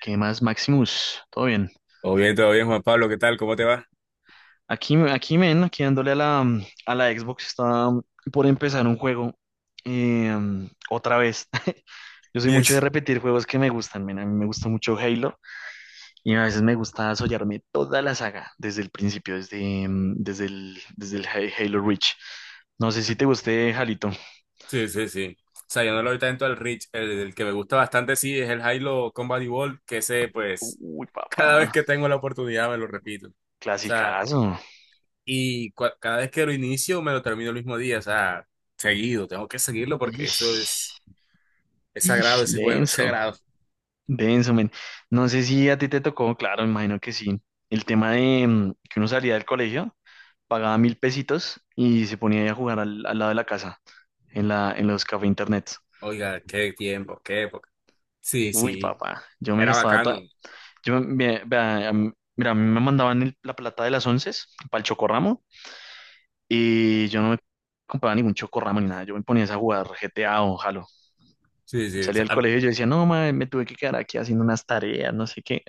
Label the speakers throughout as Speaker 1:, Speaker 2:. Speaker 1: ¿Qué más, Maximus? ¿Todo bien?
Speaker 2: Todo bien, Juan Pablo, ¿qué tal? ¿Cómo te va?
Speaker 1: Aquí, men, aquí dándole a la Xbox, está por empezar un juego eh, otra vez. Yo soy mucho de
Speaker 2: Yes.
Speaker 1: repetir juegos que me gustan, men. A mí me gusta mucho Halo y a veces me gusta sollarme toda la saga desde el principio, desde el Halo Reach. No sé si te guste, Jalito.
Speaker 2: Sí, sí, sí. O sea, yo no lo doy tanto al Rich. El que me gusta bastante, sí, es el Halo Combat Evolved, que ese, pues,
Speaker 1: Uy,
Speaker 2: cada vez
Speaker 1: papá,
Speaker 2: que tengo la oportunidad me lo repito. O sea,
Speaker 1: clasicazo.
Speaker 2: y cada vez que lo inicio me lo termino el mismo día. O sea, seguido, tengo que seguirlo porque eso es,
Speaker 1: Ish,
Speaker 2: es sagrado
Speaker 1: ish,
Speaker 2: ese juego, es
Speaker 1: denso.
Speaker 2: sagrado.
Speaker 1: Denso, men. No sé si a ti te tocó, claro, me imagino que sí. El tema de que uno salía del colegio, pagaba mil pesitos y se ponía ahí a jugar al lado de la casa, en en los cafés internet.
Speaker 2: Oiga, qué tiempo, qué época. Sí,
Speaker 1: Uy,
Speaker 2: sí,
Speaker 1: papá, yo me
Speaker 2: era
Speaker 1: gastaba toda.
Speaker 2: bacano.
Speaker 1: Yo me, vea, a mí- Mira, a mí me mandaban la plata de las once para el chocorramo y yo no me compraba ningún chocorramo ni nada. Yo me ponía a jugar GTA o Halo.
Speaker 2: Sí, sí, o
Speaker 1: Salía
Speaker 2: sea,
Speaker 1: del colegio y yo decía, no, madre, me tuve que quedar aquí haciendo unas tareas, no sé qué.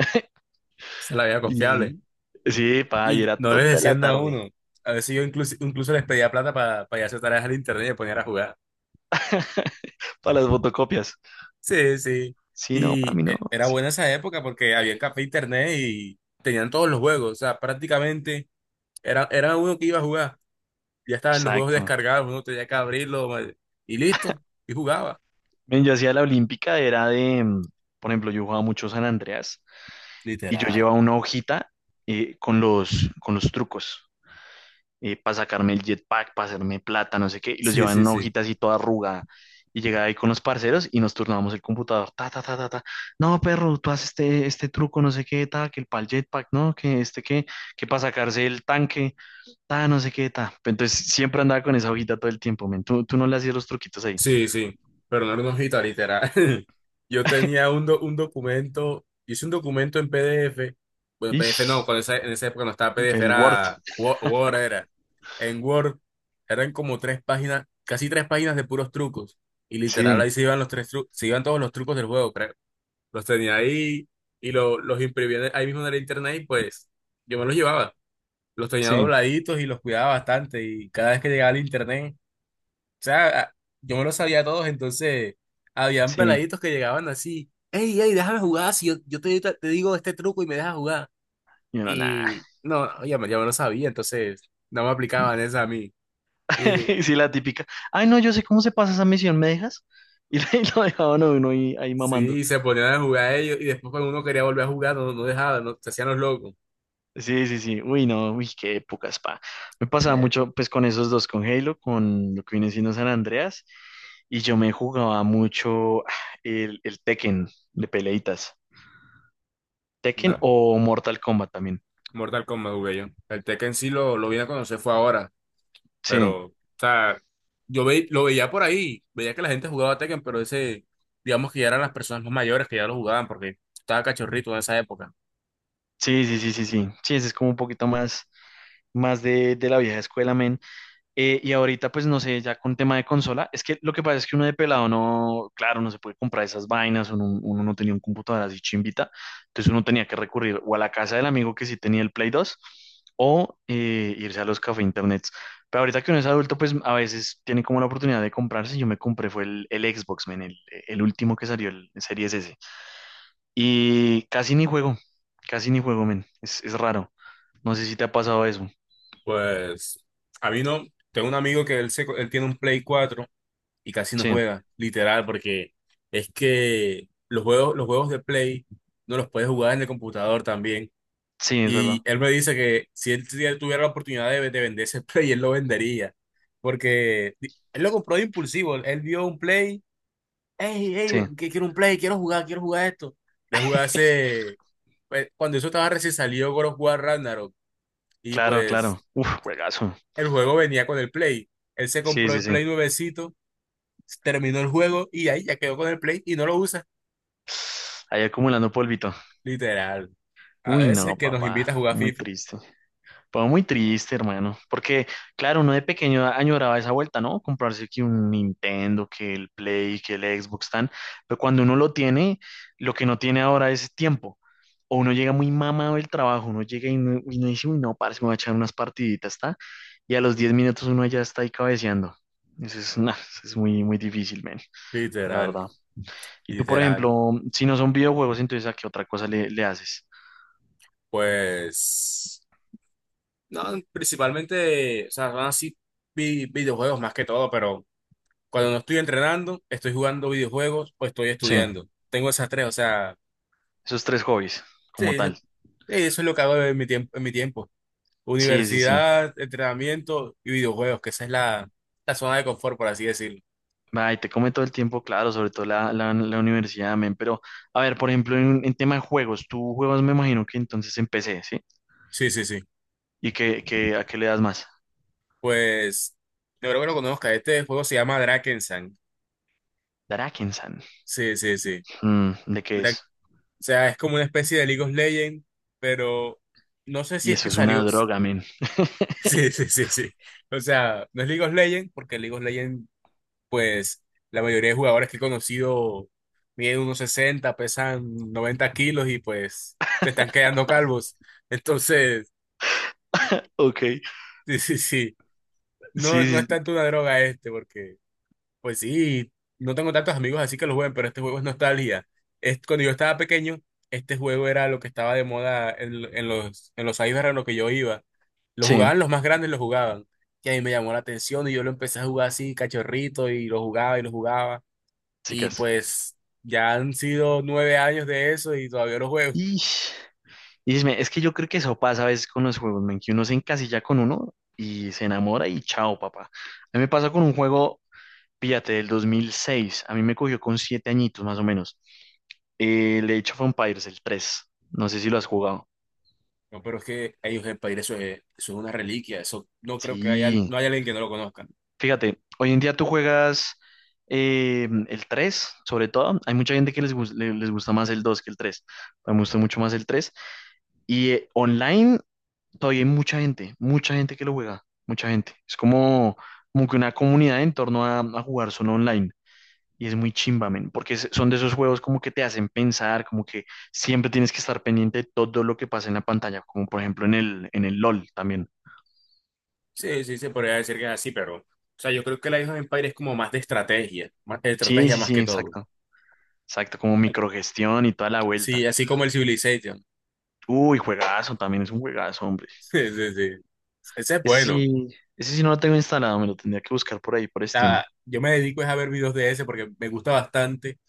Speaker 2: se la veía confiable.
Speaker 1: Y sí, pa, y
Speaker 2: Y
Speaker 1: era
Speaker 2: no les
Speaker 1: toda la
Speaker 2: decían a
Speaker 1: tarde
Speaker 2: uno. A veces yo incluso les pedía plata para hacer tareas al internet y me ponían a jugar.
Speaker 1: para las fotocopias.
Speaker 2: Sí, sí.
Speaker 1: Sí, no, a
Speaker 2: Y
Speaker 1: mí no.
Speaker 2: era
Speaker 1: Sí,
Speaker 2: buena esa época porque había café e internet y tenían todos los juegos. O sea, prácticamente era uno que iba a jugar. Ya estaban los juegos
Speaker 1: exacto.
Speaker 2: descargados, uno tenía que abrirlo y listo. Y jugaba.
Speaker 1: Men, yo hacía la olímpica, era de por ejemplo, yo jugaba mucho San Andreas y yo
Speaker 2: Literal.
Speaker 1: llevaba una hojita con con los trucos para sacarme el jetpack, para hacerme plata, no sé qué, y los
Speaker 2: Sí,
Speaker 1: llevaba en
Speaker 2: sí,
Speaker 1: una
Speaker 2: sí.
Speaker 1: hojita así toda arrugada. Y llegaba ahí con los parceros y nos turnábamos el computador. Ta, ta, ta, ta, ta. No, perro, tú haces este truco, no sé qué, ta, que el pal jetpack, no, que este, que para sacarse el tanque ta, no sé qué, ta. Entonces siempre andaba con esa hojita todo el tiempo, men. Tú no le hacías los truquitos ahí.
Speaker 2: Sí, sí, pero no era una hojita, literal. Yo tenía un documento, hice un documento en PDF. Bueno, PDF
Speaker 1: Ish,
Speaker 2: no, cuando en esa época no estaba PDF,
Speaker 1: el Word.
Speaker 2: era Word, era. En Word eran como tres páginas, casi tres páginas de puros trucos, y literal
Speaker 1: Sí,
Speaker 2: ahí se iban los tres trucos, se iban todos los trucos del juego, creo. Los tenía ahí y los imprimía ahí mismo en el internet y pues yo me los llevaba. Los tenía
Speaker 1: sí,
Speaker 2: dobladitos y los cuidaba bastante y cada vez que llegaba al internet. O sea, yo me lo sabía a todos, entonces habían
Speaker 1: sí.
Speaker 2: peladitos que llegaban así, hey, hey, déjame jugar, si yo, te digo este truco y me dejas jugar.
Speaker 1: Y uno, nada.
Speaker 2: Y no, ya me lo sabía, entonces no me aplicaban esa a mí. Y
Speaker 1: Sí, la típica. Ay, no, yo sé cómo se pasa esa misión, ¿me dejas? Y ahí lo dejaban a uno ahí, ahí mamando.
Speaker 2: sí, se ponían a jugar ellos y después cuando uno quería volver a jugar, no, no dejaban, no, se hacían los locos.
Speaker 1: Sí, sí, sí. Uy, no, uy, qué épocas pa. Me pasaba
Speaker 2: Me-
Speaker 1: mucho, pues, con esos dos, con Halo, con lo que viene siendo San Andreas. Y yo me jugaba mucho el Tekken de peleitas. Tekken
Speaker 2: Una,
Speaker 1: o Mortal Kombat también.
Speaker 2: Mortal Kombat jugué yo. El Tekken sí lo vine a conocer fue ahora.
Speaker 1: Sí,
Speaker 2: Pero, o sea, yo lo veía por ahí, veía que la gente jugaba Tekken, pero ese, digamos que ya eran las personas más mayores que ya lo jugaban, porque estaba cachorrito en esa época.
Speaker 1: sí, sí, sí, sí, sí. Sí, ese es como un poquito más, más de la vieja escuela, men. Y ahorita, pues no sé, ya con tema de consola, es que lo que pasa es que uno de pelado no, claro, no se puede comprar esas vainas, uno no tenía un computador así chimbita, entonces uno tenía que recurrir o a la casa del amigo que sí tenía el Play dos o irse a los café internets. Pero ahorita que uno es adulto, pues a veces tiene como la oportunidad de comprarse. Yo me compré, fue el Xbox, men, el último que salió, el Series S. Y casi ni juego, men, es raro. No sé si te ha pasado eso.
Speaker 2: Pues, a mí no, tengo un amigo que él tiene un Play 4 y casi no
Speaker 1: Sí,
Speaker 2: juega, literal, porque es que los juegos de Play no los puedes jugar en el computador también.
Speaker 1: sí, es
Speaker 2: Y
Speaker 1: verdad.
Speaker 2: él me dice que si él tuviera la oportunidad de vender ese Play, él lo vendería, porque él lo compró de impulsivo, él vio un Play. Hey, hey,
Speaker 1: Sí,
Speaker 2: que quiero un play, quiero jugar esto. Le jugué hace, pues, cuando eso estaba recién salido God of War Ragnarok, y
Speaker 1: claro,
Speaker 2: pues
Speaker 1: claro. Uf, juegazo.
Speaker 2: el juego venía con el play. Él se
Speaker 1: Sí,
Speaker 2: compró
Speaker 1: sí,
Speaker 2: el
Speaker 1: sí.
Speaker 2: play nuevecito, terminó el juego y ahí ya quedó con el play y no lo usa.
Speaker 1: Ahí acumulando polvito.
Speaker 2: Literal. A
Speaker 1: Uy,
Speaker 2: veces
Speaker 1: no,
Speaker 2: que nos
Speaker 1: papá.
Speaker 2: invita a jugar
Speaker 1: Muy
Speaker 2: FIFA.
Speaker 1: triste. Fue muy triste, hermano, porque claro, uno de pequeño añoraba esa vuelta, ¿no? Comprarse que un Nintendo, que el Play, que el Xbox tan, pero cuando uno lo tiene, lo que no tiene ahora es tiempo. O uno llega muy mamado del trabajo, uno llega y no dice, uy, no, parce, me voy a echar unas partiditas, ¿está? Y a los 10 minutos uno ya está ahí cabeceando. Eso es, nah, eso es muy, muy difícil, men, la
Speaker 2: Literal,
Speaker 1: verdad. Y tú, por
Speaker 2: literal.
Speaker 1: ejemplo, si no son videojuegos, entonces ¿a qué otra cosa le, le haces?
Speaker 2: Pues, no, principalmente, o sea, son así videojuegos más que todo. Pero cuando no estoy entrenando, estoy jugando videojuegos o estoy
Speaker 1: Sí,
Speaker 2: estudiando. Tengo esas tres, o sea,
Speaker 1: esos tres hobbies, como
Speaker 2: sí,
Speaker 1: tal.
Speaker 2: eso es lo que hago en mi tiempo, en mi tiempo.
Speaker 1: Sí, sí, sí.
Speaker 2: Universidad, entrenamiento y videojuegos, que esa es la zona de confort, por así decirlo.
Speaker 1: Ay, te come todo el tiempo, claro, sobre todo la universidad, men. Pero, a ver, por ejemplo, en tema de juegos, tú juegas, me imagino que entonces en PC, ¿sí?
Speaker 2: Sí, sí, sí.
Speaker 1: ¿Y qué, qué- a qué le das más?
Speaker 2: Pues, yo creo que lo conozca. Este juego se llama Drakensang.
Speaker 1: Darakensan.
Speaker 2: Sí, sí, sí.
Speaker 1: Mm, ¿de qué
Speaker 2: Dra-
Speaker 1: es?
Speaker 2: o sea, es como una especie de League of Legends, pero no sé si
Speaker 1: Y
Speaker 2: es que
Speaker 1: eso es una
Speaker 2: salió.
Speaker 1: droga, men.
Speaker 2: Sí, sí, sí, sí. O sea, no es League of Legends, porque League of Legends, pues la mayoría de jugadores que he conocido miden unos 60, pesan 90 kilos y pues se están quedando calvos. Entonces,
Speaker 1: Ok.
Speaker 2: sí, sí, sí, no, no
Speaker 1: Sí,
Speaker 2: es
Speaker 1: sí,
Speaker 2: tanto una droga este, porque pues sí, no tengo tantos amigos así que lo jueguen, pero este juego es nostalgia. Es, cuando yo estaba pequeño, este juego era lo que estaba de moda en los cyber en los que yo iba. Lo
Speaker 1: sí,
Speaker 2: jugaban los más grandes, lo jugaban. Y a mí me llamó la atención y yo lo empecé a jugar así, cachorrito, y lo jugaba y lo jugaba. Y
Speaker 1: chicas.
Speaker 2: pues ya han sido 9 años de eso y todavía no juego.
Speaker 1: Ish. Y dime, es que yo creo que eso pasa a veces con los juegos, men, que uno se encasilla con uno y se enamora y chao, papá. A mí me pasa con un juego, fíjate, del 2006. A mí me cogió con siete añitos más o menos. El Age of Empires, el 3. No sé si lo has jugado.
Speaker 2: No, pero es que ellos el país, eso es una reliquia. Eso no creo que haya,
Speaker 1: Sí.
Speaker 2: no haya alguien que no lo conozca.
Speaker 1: Fíjate, hoy en día tú juegas el 3, sobre todo. Hay mucha gente que les gusta más el 2 que el 3. Me gusta mucho más el 3. Y online todavía hay mucha gente que lo juega. Mucha gente. Es como, como que una comunidad en torno a jugar solo online. Y es muy chimba, men, porque es- son de esos juegos como que te hacen pensar, como que siempre tienes que estar pendiente de todo lo que pasa en la pantalla, como por ejemplo en en el LOL también.
Speaker 2: Sí, sí, se podría decir que es así. Pero, o sea, yo creo que la Age of Empires es como más de estrategia, más de
Speaker 1: Sí,
Speaker 2: estrategia
Speaker 1: sí,
Speaker 2: más
Speaker 1: sí,
Speaker 2: que todo.
Speaker 1: exacto. Exacto, como microgestión y toda la
Speaker 2: Sí,
Speaker 1: vuelta.
Speaker 2: así como el Civilization.
Speaker 1: Uy, juegazo, también es un juegazo, hombre.
Speaker 2: Sí, sí, sí. Ese es
Speaker 1: Ese
Speaker 2: bueno. O
Speaker 1: sí, ese sí no lo tengo instalado, me lo tendría que buscar por ahí, por Steam.
Speaker 2: sea, yo me dedico es a ver videos de ese porque me gusta bastante,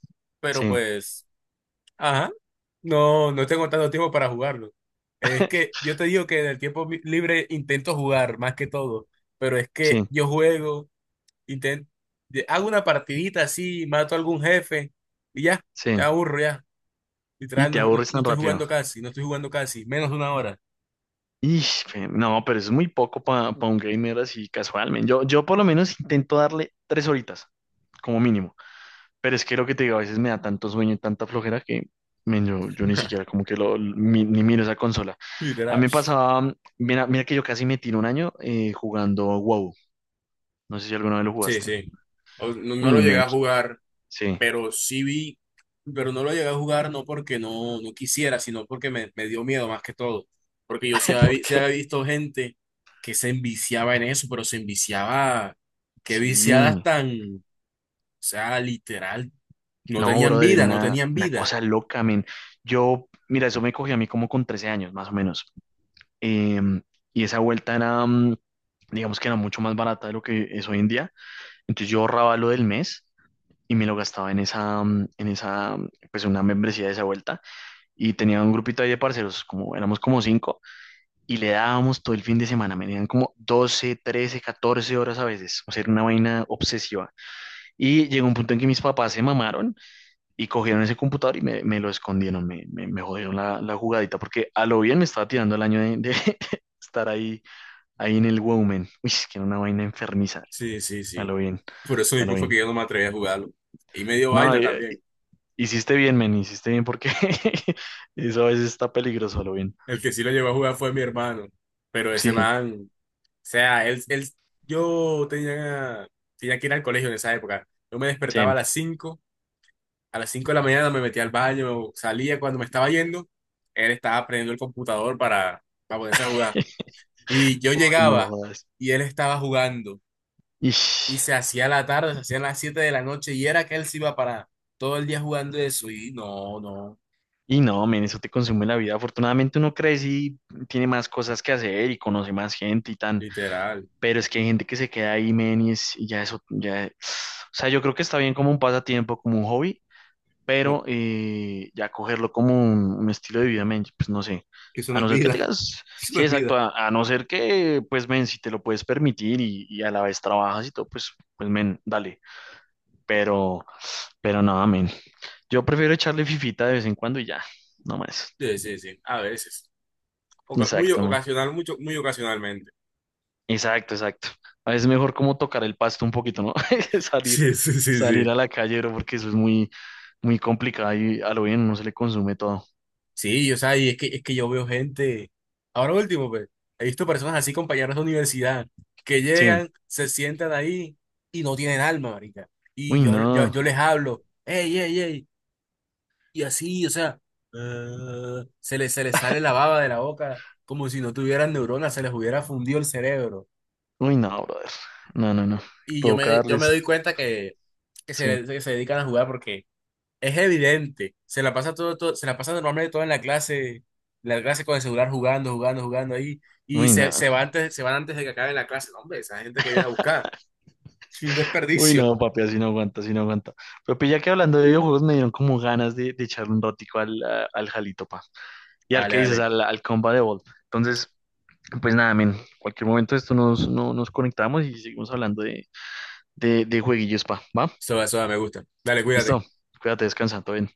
Speaker 2: pero
Speaker 1: Sí,
Speaker 2: pues. Ajá. No, no tengo tanto tiempo para jugarlo. Es que yo te digo que en el tiempo libre intento jugar más que todo, pero es que
Speaker 1: sí,
Speaker 2: yo juego, intento, hago una partidita así, mato a algún jefe y ya, te
Speaker 1: sí.
Speaker 2: aburro ya.
Speaker 1: Y
Speaker 2: Literal,
Speaker 1: te aburres
Speaker 2: no
Speaker 1: tan
Speaker 2: estoy
Speaker 1: rápido.
Speaker 2: jugando casi, no estoy jugando casi, menos de 1 hora.
Speaker 1: Ish, pe- no, pero es muy poco para un gamer así casualmente. Yo por lo menos intento darle tres horitas, como mínimo. Pero es que lo que te digo, a veces me da tanto sueño y tanta flojera que men, yo ni siquiera como que ni miro esa consola. A mí
Speaker 2: Literal.
Speaker 1: me pasaba, mira, mira que yo casi me tiro un año jugando WoW. No sé si alguna vez lo
Speaker 2: Sí,
Speaker 1: jugaste.
Speaker 2: sí. No, no lo
Speaker 1: Uy,
Speaker 2: llegué
Speaker 1: men,
Speaker 2: a
Speaker 1: qué-
Speaker 2: jugar.
Speaker 1: sí.
Speaker 2: Pero sí vi, pero no lo llegué a jugar no porque no, no quisiera, sino porque me dio miedo más que todo. Porque yo sí
Speaker 1: ¿Por
Speaker 2: había, sí
Speaker 1: qué?
Speaker 2: había visto gente que se enviciaba en eso, pero se enviciaba, qué viciadas
Speaker 1: Sí.
Speaker 2: tan, o sea, literal, no
Speaker 1: No,
Speaker 2: tenían
Speaker 1: brother, es
Speaker 2: vida, no tenían
Speaker 1: una
Speaker 2: vida.
Speaker 1: cosa loca, men. Yo, mira, eso me cogí a mí como con 13 años, más o menos. Em, y esa vuelta era, digamos que era mucho más barata de lo que es hoy en día. Entonces yo ahorraba lo del mes y me lo gastaba en esa, pues una membresía de esa vuelta. Y tenía un grupito ahí de parceros, como éramos como cinco, y le dábamos todo el fin de semana, me dieron como 12 13 14 horas a veces, o sea, era una vaina obsesiva. Y llegó un punto en que mis papás se mamaron y cogieron ese computador y me lo escondieron, me jodieron la jugadita, porque a lo bien me estaba tirando el año de estar ahí, ahí en el Woman. Uy, es que era una vaina enfermiza,
Speaker 2: Sí, sí,
Speaker 1: a
Speaker 2: sí.
Speaker 1: lo bien,
Speaker 2: Por eso
Speaker 1: a lo
Speaker 2: mismo fue que
Speaker 1: bien.
Speaker 2: yo no me atreví a jugarlo. Y me dio
Speaker 1: No,
Speaker 2: vaina
Speaker 1: y,
Speaker 2: también.
Speaker 1: hiciste bien, men, hiciste bien porque eso a veces está peligroso, lo bien.
Speaker 2: El que sí lo llegó a jugar fue mi hermano, pero ese
Speaker 1: Sí,
Speaker 2: man... Sea, él, yo tenía, tenía que ir al colegio en esa época. Yo me despertaba a
Speaker 1: sí.
Speaker 2: las cinco a las cinco de la mañana, me metía al baño, salía cuando me estaba yendo, él estaba prendiendo el computador para ponerse a jugar. Y yo
Speaker 1: Uy, no
Speaker 2: llegaba
Speaker 1: jodas.
Speaker 2: y él estaba jugando.
Speaker 1: Ish.
Speaker 2: Y se hacía la tarde, se hacían las 7 de la noche y era que él se iba. Para todo el día jugando eso. Y no, no,
Speaker 1: Y no, men, eso te consume la vida. Afortunadamente uno crece y tiene más cosas que hacer y conoce más gente y tan.
Speaker 2: literal.
Speaker 1: Pero es que hay gente que se queda ahí, men, y, es, y ya eso, ya. O sea, yo creo que está bien como un pasatiempo, como un hobby,
Speaker 2: No,
Speaker 1: pero ya cogerlo como un estilo de vida, men, pues no sé.
Speaker 2: que eso
Speaker 1: A
Speaker 2: no es
Speaker 1: no ser que
Speaker 2: vida,
Speaker 1: tengas,
Speaker 2: eso no
Speaker 1: sí,
Speaker 2: es
Speaker 1: exacto,
Speaker 2: vida.
Speaker 1: a no ser que, pues, men, si te lo puedes permitir y a la vez trabajas y todo, pues, pues, men, dale. Pero, pero nada, men. Yo prefiero echarle fifita de vez en cuando y ya, no más.
Speaker 2: Sí, sí, sí, a veces. Muy
Speaker 1: Exacto, men.
Speaker 2: ocasional, mucho, muy ocasionalmente.
Speaker 1: Exacto, exacto. A veces es mejor como tocar el pasto un poquito, ¿no? Salir,
Speaker 2: Sí, sí, sí,
Speaker 1: salir
Speaker 2: sí.
Speaker 1: a la calle, bro, porque eso es muy, muy complicado y a lo bien no se le consume todo.
Speaker 2: Sí, o sea, y es que, yo veo gente, ahora último, pues, he visto personas así, compañeros de universidad, que
Speaker 1: Sí.
Speaker 2: llegan, se sientan ahí y no tienen alma, marica. Y
Speaker 1: Uy,
Speaker 2: yo, yo,
Speaker 1: no.
Speaker 2: yo les hablo, ey, ey, ey, y así, o sea, se les sale la baba de la boca, como si no tuvieran neuronas, se les hubiera fundido el cerebro.
Speaker 1: Uy, no, brother. No, no, no.
Speaker 2: Y yo me
Speaker 1: Provocarles.
Speaker 2: doy cuenta que, que
Speaker 1: Sí.
Speaker 2: se, que se dedican a jugar porque es evidente. Se la pasa normalmente todo en la clase con el celular jugando, jugando, jugando ahí. Y
Speaker 1: Uy,
Speaker 2: se,
Speaker 1: no.
Speaker 2: se va antes, se van antes de que acabe la clase. No, hombre, esa gente que viene a buscar. Un
Speaker 1: Uy,
Speaker 2: desperdicio.
Speaker 1: no, papi, así no aguanta, así no aguanta. Pero pues, ya que hablando de videojuegos me dieron como ganas de echarle un rótico al Jalito, pa. Y al
Speaker 2: Vale,
Speaker 1: que dices,
Speaker 2: dale.
Speaker 1: al Combat Evolved. Entonces, pues nada, men. Cualquier momento de esto nos, no- nos conectamos y seguimos hablando de jueguillos, pa. ¿Va?
Speaker 2: Eso me gusta. Dale, cuídate.
Speaker 1: Listo. Cuídate, descansa, todo bien.